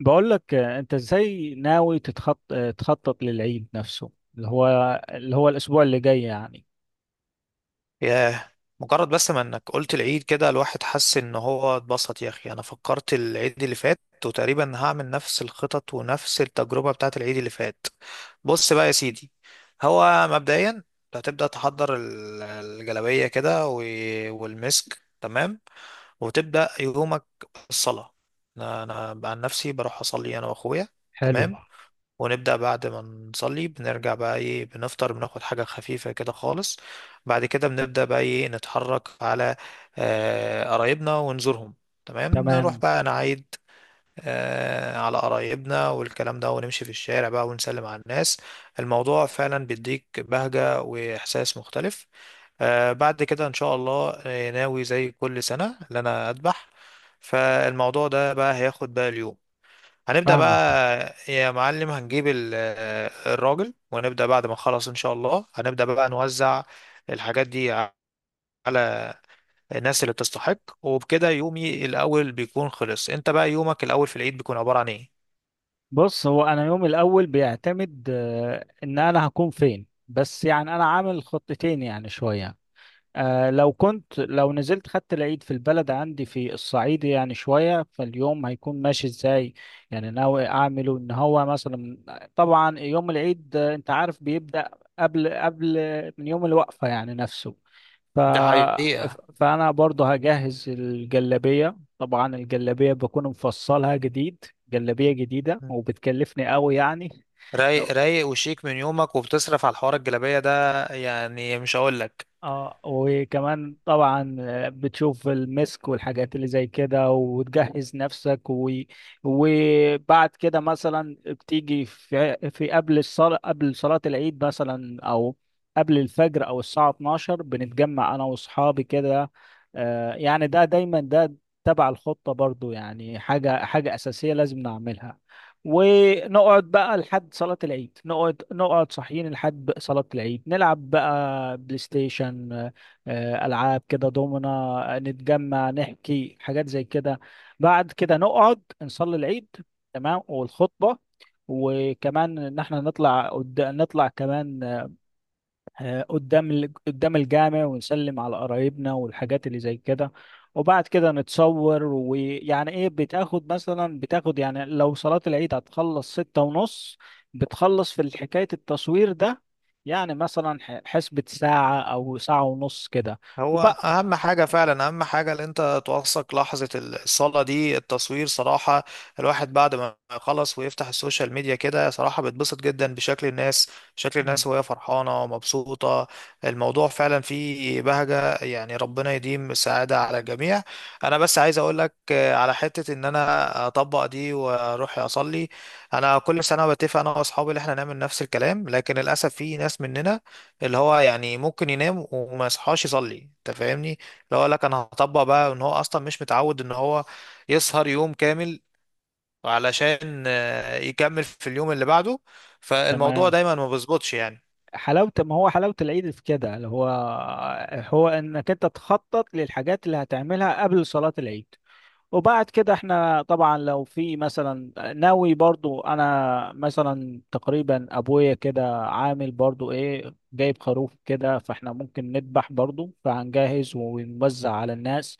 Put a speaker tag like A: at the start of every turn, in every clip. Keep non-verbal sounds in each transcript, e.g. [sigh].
A: بقول لك، انت ازاي ناوي تتخط... آه، تخطط للعيد نفسه، اللي هو اللي هو الاسبوع اللي جاي يعني.
B: ياه، مجرد بس ما انك قلت العيد كده الواحد حس ان هو اتبسط يا اخي، انا فكرت العيد اللي فات. وتقريبا هعمل نفس الخطط ونفس التجربة بتاعت العيد اللي فات. بص بقى يا سيدي. هو مبدئيا أنت هتبدأ تحضر الجلابية كده والمسك، تمام. وتبدأ يومك بالصلاة. انا انا عن نفسي بروح اصلي انا واخويا.
A: حلو.
B: تمام. ونبدأ بعد ما نصلي بنرجع بقى ايه، بنفطر بناخد حاجة خفيفة كده خالص. بعد كده بنبدأ بقى ايه، نتحرك على قرايبنا ونزورهم. تمام، نروح
A: تمام.
B: بقى نعيد على قرايبنا والكلام ده، ونمشي في الشارع بقى ونسلم على الناس. الموضوع فعلا بيديك بهجة وإحساس مختلف. بعد كده إن شاء الله ناوي زي كل سنة إن أنا أذبح. فالموضوع ده بقى هياخد بقى اليوم. هنبدأ بقى
A: فاهمك.
B: يا معلم، هنجيب الراجل ونبدأ بعد ما نخلص إن شاء الله هنبدأ بقى نوزع الحاجات دي على الناس اللي بتستحق، وبكده يومي الأول بيكون خلص. أنت بقى يومك الأول في العيد بيكون عبارة عن إيه؟
A: بص، هو انا يومي الاول بيعتمد ان انا هكون فين، بس يعني انا عامل خطتين، يعني شوية. لو نزلت خدت العيد في البلد عندي في الصعيد، يعني شوية فاليوم هيكون ماشي ازاي. يعني ناوي اعمله ان هو مثلا، طبعا يوم العيد انت عارف بيبدأ قبل من يوم الوقفة يعني نفسه. ف...
B: ده حقيقة.
A: فانا برضو هجهز الجلابية، طبعا الجلابية بكون مفصلها جديد، جلابية جديدة وبتكلفني قوي يعني.
B: رايق
A: [laughs]
B: رايق وشيك من يومك، وبتصرف على الحوار الجلابية ده يعني مش هقول لك.
A: اه وكمان طبعا بتشوف المسك والحاجات اللي زي كده، وتجهز نفسك. و... وبعد كده مثلا بتيجي في قبل الصلاة، قبل صلاة العيد مثلا، او قبل الفجر او الساعة 12 بنتجمع انا واصحابي كده. يعني ده دايما ده تبع الخطة برضو، يعني حاجة أساسية لازم نعملها، ونقعد بقى لحد صلاة العيد، نقعد صاحيين لحد صلاة العيد، نلعب بقى بلاي ستيشن، ألعاب كده دومنا، نتجمع نحكي حاجات زي كده. بعد كده نقعد نصلي العيد، تمام، والخطبة. وكمان ان احنا نطلع كمان قدام قدام الجامع ونسلم على قرايبنا والحاجات اللي زي كده. وبعد كده نتصور، ويعني ايه، بتاخد يعني لو صلاة العيد هتخلص 6:30، بتخلص في حكاية التصوير ده، يعني مثلا حسبة ساعة أو ساعة ونص كده.
B: هو
A: وبقى.
B: اهم حاجة فعلا اهم حاجة، ان انت توثق لحظة الصلاة دي التصوير صراحة. الواحد بعد ما يخلص ويفتح السوشيال ميديا كده صراحة بيتبسط جدا بشكل الناس، شكل
A: مم.
B: الناس وهي فرحانة ومبسوطة. الموضوع فعلا فيه بهجة، يعني ربنا يديم السعادة على الجميع. انا بس عايز اقول لك على حتة ان انا اطبق دي واروح اصلي. انا كل سنة بتفق انا واصحابي ان احنا نعمل نفس الكلام، لكن للاسف في ناس مننا اللي هو يعني ممكن ينام وما يصحاش يصلي، انت فاهمني؟ اللي هو لك انا هطبق بقى ان هو اصلا مش متعود ان هو يسهر يوم كامل علشان يكمل في اليوم اللي بعده. فالموضوع
A: تمام.
B: دايما ما بيظبطش يعني.
A: حلاوة، ما هو حلاوة العيد في كده، اللي هو هو إنك أنت تخطط للحاجات اللي هتعملها قبل صلاة العيد. وبعد كده احنا طبعا لو في مثلا، ناوي برضو انا مثلا، تقريبا ابويا كده عامل برضو ايه، جايب خروف كده، فاحنا ممكن نذبح برضو، فهنجهز ونوزع على الناس.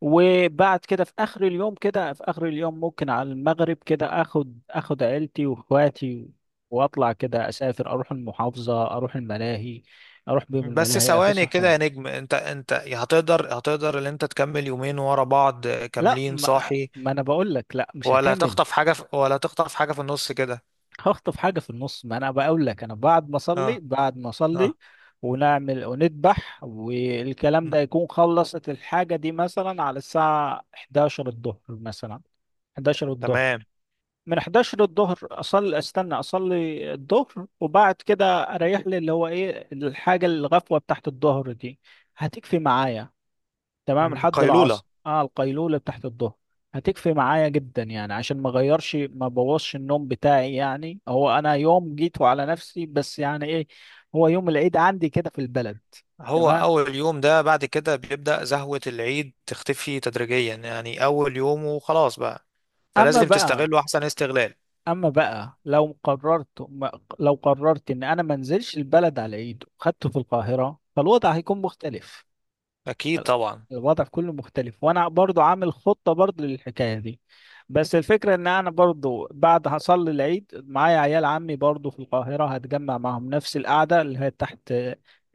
A: وبعد كده في اخر اليوم كده، في اخر اليوم ممكن على المغرب كده اخد عيلتي واخواتي، واطلع كده، اسافر، اروح المحافظة، اروح بيهم
B: بس
A: الملاهي
B: ثواني كده
A: افسحهم.
B: يا نجم، انت هتقدر ان انت تكمل يومين ورا بعض
A: لا،
B: كاملين
A: ما,
B: صاحي؟
A: ما انا بقول لك، لا مش هكمل.
B: ولا هتخطف حاجة في النص كده؟
A: هخطف حاجة في النص، ما انا بقول لك، انا بعد ما
B: اه.
A: اصلي،
B: اه.
A: ونعمل ونذبح والكلام
B: م.
A: ده، يكون خلصت الحاجة دي مثلا على الساعة 11 الظهر، مثلا 11 الظهر،
B: تمام.
A: من 11 الظهر استنى اصلي الظهر، وبعد كده اريح لي اللي هو ايه الحاجة، الغفوة بتاعت الظهر دي هتكفي معايا، تمام
B: م،
A: لحد
B: قيلولة.
A: العصر. اه القيلولة بتاعت الظهر هتكفي معايا جدا، يعني عشان ما بوظش النوم بتاعي، يعني هو انا يوم جيته على نفسي، بس يعني ايه، هو يوم العيد عندي كده في البلد.
B: هو
A: تمام.
B: أول يوم ده بعد كده بيبدأ زهوة العيد تختفي تدريجيا، يعني أول يوم وخلاص بقى.
A: اما
B: فلازم
A: بقى
B: تستغله أحسن استغلال.
A: اما بقى لو قررت ان انا ما انزلش البلد على العيد وخدته في القاهرة، فالوضع هيكون مختلف،
B: أكيد طبعا.
A: الوضع كله مختلف، وانا برضو عامل خطة برضو للحكاية دي. بس الفكرة ان انا برضو بعد هصلي العيد معايا عيال عمي برضو في القاهرة، هتجمع معاهم نفس القعدة اللي هي تحت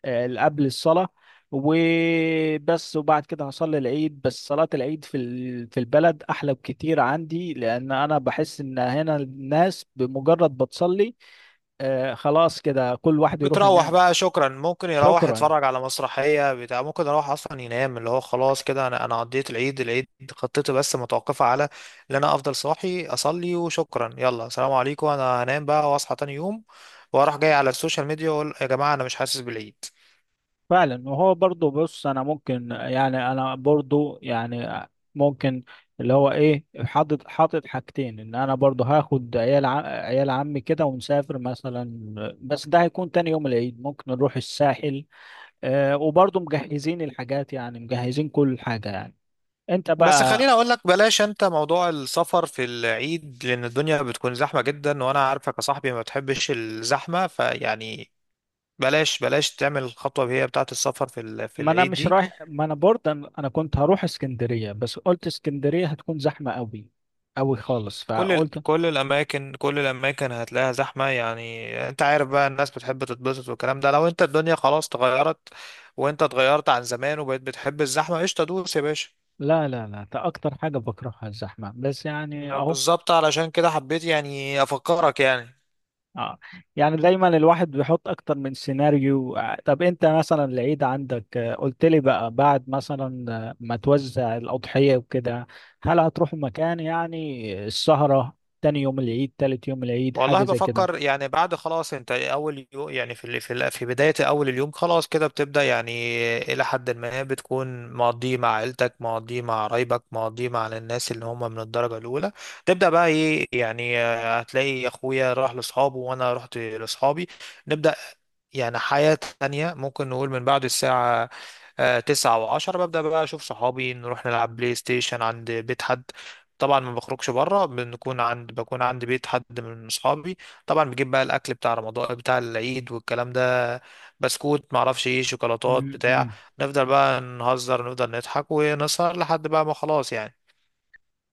A: قبل الصلاة وبس. وبعد كده هصلي العيد، بس صلاة العيد في في البلد احلى بكتير عندي، لان انا بحس ان هنا الناس بمجرد بتصلي خلاص كده كل واحد يروح
B: بتروح
A: ينام.
B: بقى شكرا، ممكن يروح
A: شكرا.
B: يتفرج على مسرحية بتاع، ممكن يروح أصلا ينام، اللي هو خلاص كده أنا قضيت العيد. خطتي بس متوقفة على إن أنا أفضل صاحي أصلي وشكرا، يلا سلام عليكم، أنا هنام بقى وأصحى تاني يوم وأروح جاي على السوشيال ميديا وأقول يا جماعة، أنا مش حاسس بالعيد.
A: فعلا. وهو برضو بص، انا برضو يعني ممكن، اللي هو ايه، حاطط حاجتين، ان انا برضو هاخد عيال عمي كده ونسافر مثلا، بس ده هيكون تاني يوم العيد، ممكن نروح الساحل. وبرضو مجهزين الحاجات، يعني مجهزين كل حاجة يعني، انت
B: بس
A: بقى.
B: خليني اقول لك، بلاش انت موضوع السفر في العيد، لان الدنيا بتكون زحمه جدا، وانا عارفك يا صاحبي ما بتحبش الزحمه فيعني. بلاش بلاش تعمل الخطوه هي بتاعه السفر في
A: ما انا
B: العيد
A: مش
B: دي.
A: رايح، ما انا برضه انا كنت هروح اسكندرية، بس قلت اسكندرية هتكون زحمة قوي، قوي خالص، فقلت.
B: كل الاماكن كل الاماكن هتلاقيها زحمه يعني. انت عارف بقى، الناس بتحب تتبسط والكلام ده، لو انت الدنيا خلاص اتغيرت، وانت اتغيرت عن زمان وبقيت بتحب الزحمه، قشطه دوس يا باشا.
A: لا لا لا، ده اكتر حاجة بكرهها الزحمة، بس يعني اهو.
B: بالظبط، علشان كده حبيت يعني افكرك يعني.
A: اه. يعني دايما الواحد بيحط اكتر من سيناريو، طب انت مثلا العيد عندك، قلت لي بقى بعد مثلا ما توزع الاضحية وكده، هل هتروح مكان، يعني السهرة تاني يوم العيد، تالت يوم العيد، حاجة
B: والله
A: زي كده؟
B: بفكر يعني، بعد خلاص انت اول يوم يعني في بداية اول اليوم خلاص كده بتبدأ يعني. الى حد ما بتكون مقضيه مع عيلتك، مقضيه مع قرايبك، مقضيه مع الناس اللي هم من الدرجة الاولى. تبدأ بقى ايه يعني، هتلاقي اخويا راح لاصحابه وانا رحت لاصحابي. نبدأ يعني حياة تانية، ممكن نقول من بعد الساعة تسعة وعشرة، ببدأ بقى أشوف صحابي نروح نلعب بلاي ستيشن عند بيت حد. طبعا ما بخرجش بره، بنكون عند بكون عند بيت حد من صحابي. طبعا بجيب بقى الأكل بتاع رمضان بتاع العيد والكلام ده، بسكوت، معرفش ايه، شوكولاتات بتاع.
A: م.
B: نفضل بقى نهزر، نفضل نضحك ونسهر لحد بقى ما خلاص يعني.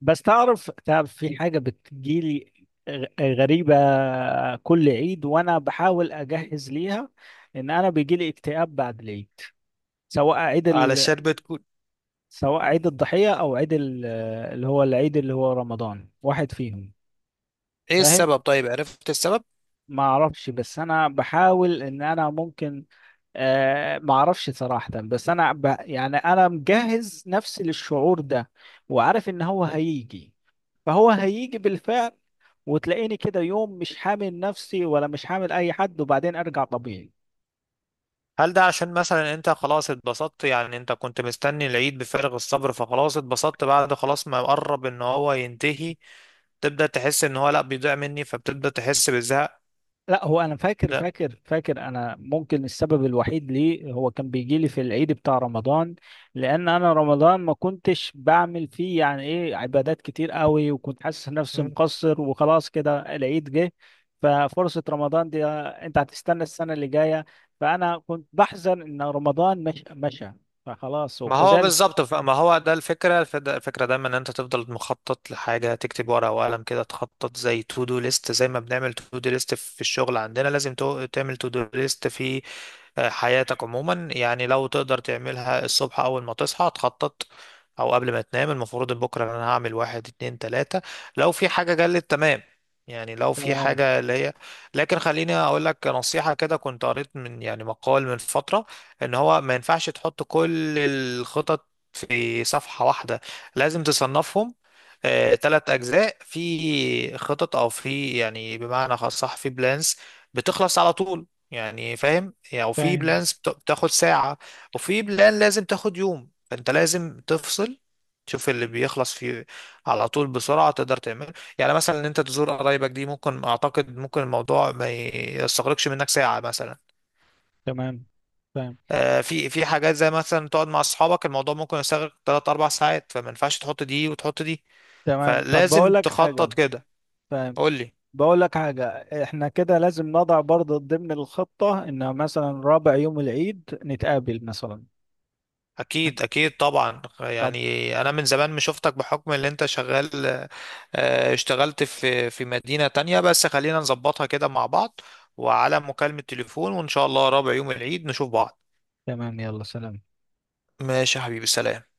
A: بس تعرف في حاجة بتجيلي غريبة، كل عيد وانا بحاول اجهز ليها، ان انا بيجيلي اكتئاب بعد العيد، سواء عيد ال...
B: علشان بتكون
A: سواء عيد الضحية اللي هو العيد اللي هو رمضان، واحد فيهم.
B: ايه
A: فاهم.
B: السبب؟ طيب عرفت السبب؟
A: ما أعرفش، بس أنا بحاول إن أنا ممكن، ما أعرفش صراحة، بس أنا يعني أنا مجهز نفسي للشعور ده، وعارف إن هو هيجي، فهو هيجي بالفعل، وتلاقيني كده يوم مش حامل نفسي ولا مش حامل أي حد، وبعدين أرجع طبيعي.
B: هل ده عشان مثلا انت خلاص اتبسطت، يعني انت كنت مستني العيد بفارغ الصبر، فخلاص اتبسطت، بعد خلاص ما قرب ان هو ينتهي تبدأ تحس ان هو لا بيضيع مني، فبتبدأ تحس بالزهق.
A: لا، هو انا فاكر انا ممكن السبب الوحيد ليه هو كان بيجي لي في العيد بتاع رمضان، لان انا رمضان ما كنتش بعمل فيه يعني ايه عبادات كتير قوي، وكنت حاسس نفسي
B: ده
A: مقصر، وخلاص كده العيد جه. ففرصة رمضان دي انت هتستنى السنة اللي جاية، فانا كنت بحزن ان رمضان مش مشى، فخلاص
B: ما هو
A: وكذلك.
B: بالظبط. ما هو ده الفكرة الفكرة دايما، ان انت تفضل مخطط لحاجة، تكتب ورقة وقلم كده تخطط زي تو دو ليست، زي ما بنعمل تو دو ليست في الشغل عندنا لازم تعمل تو دو ليست في حياتك عموما، يعني لو تقدر تعملها الصبح اول ما تصحى تخطط، او قبل ما تنام، المفروض إن بكرة انا هعمل واحد اتنين تلاتة، لو في حاجة جلت تمام، يعني لو في
A: تمام.
B: حاجة اللي هي. لكن خليني اقول لك نصيحة كده، كنت قريت من يعني مقال من فترة ان هو ما ينفعش تحط كل الخطط في صفحة واحدة، لازم تصنفهم 3 اجزاء، في خطط او في يعني بمعنى خاص صح، في بلانس بتخلص على طول يعني فاهم يعني، وفي
A: فاهم.
B: بلانس بتاخد ساعة، وفي بلان لازم تاخد يوم، فانت لازم تفصل تشوف اللي بيخلص فيه على طول بسرعة تقدر تعمله، يعني مثلا ان انت تزور قرايبك دي ممكن اعتقد ممكن الموضوع ما يستغرقش منك ساعة مثلا.
A: تمام. فاهم.
B: في حاجات زي مثلا تقعد مع اصحابك الموضوع ممكن يستغرق 3 4 ساعات، فما ينفعش تحط دي وتحط دي.
A: تمام. طب
B: فلازم
A: بقول لك حاجة.
B: تخطط كده.
A: فاهم.
B: قول لي.
A: بقول لك حاجة، احنا كده لازم نضع برضه ضمن الخطة، ان مثلا رابع يوم العيد نتقابل مثلا.
B: اكيد اكيد طبعا،
A: طب.
B: يعني انا من زمان مش شفتك بحكم اللي انت شغال، اشتغلت في مدينة تانية، بس خلينا نظبطها كده مع بعض، وعلى مكالمة تليفون، وان شاء الله رابع يوم العيد نشوف بعض.
A: تمام. يلا سلام.
B: ماشي يا حبيبي، سلام.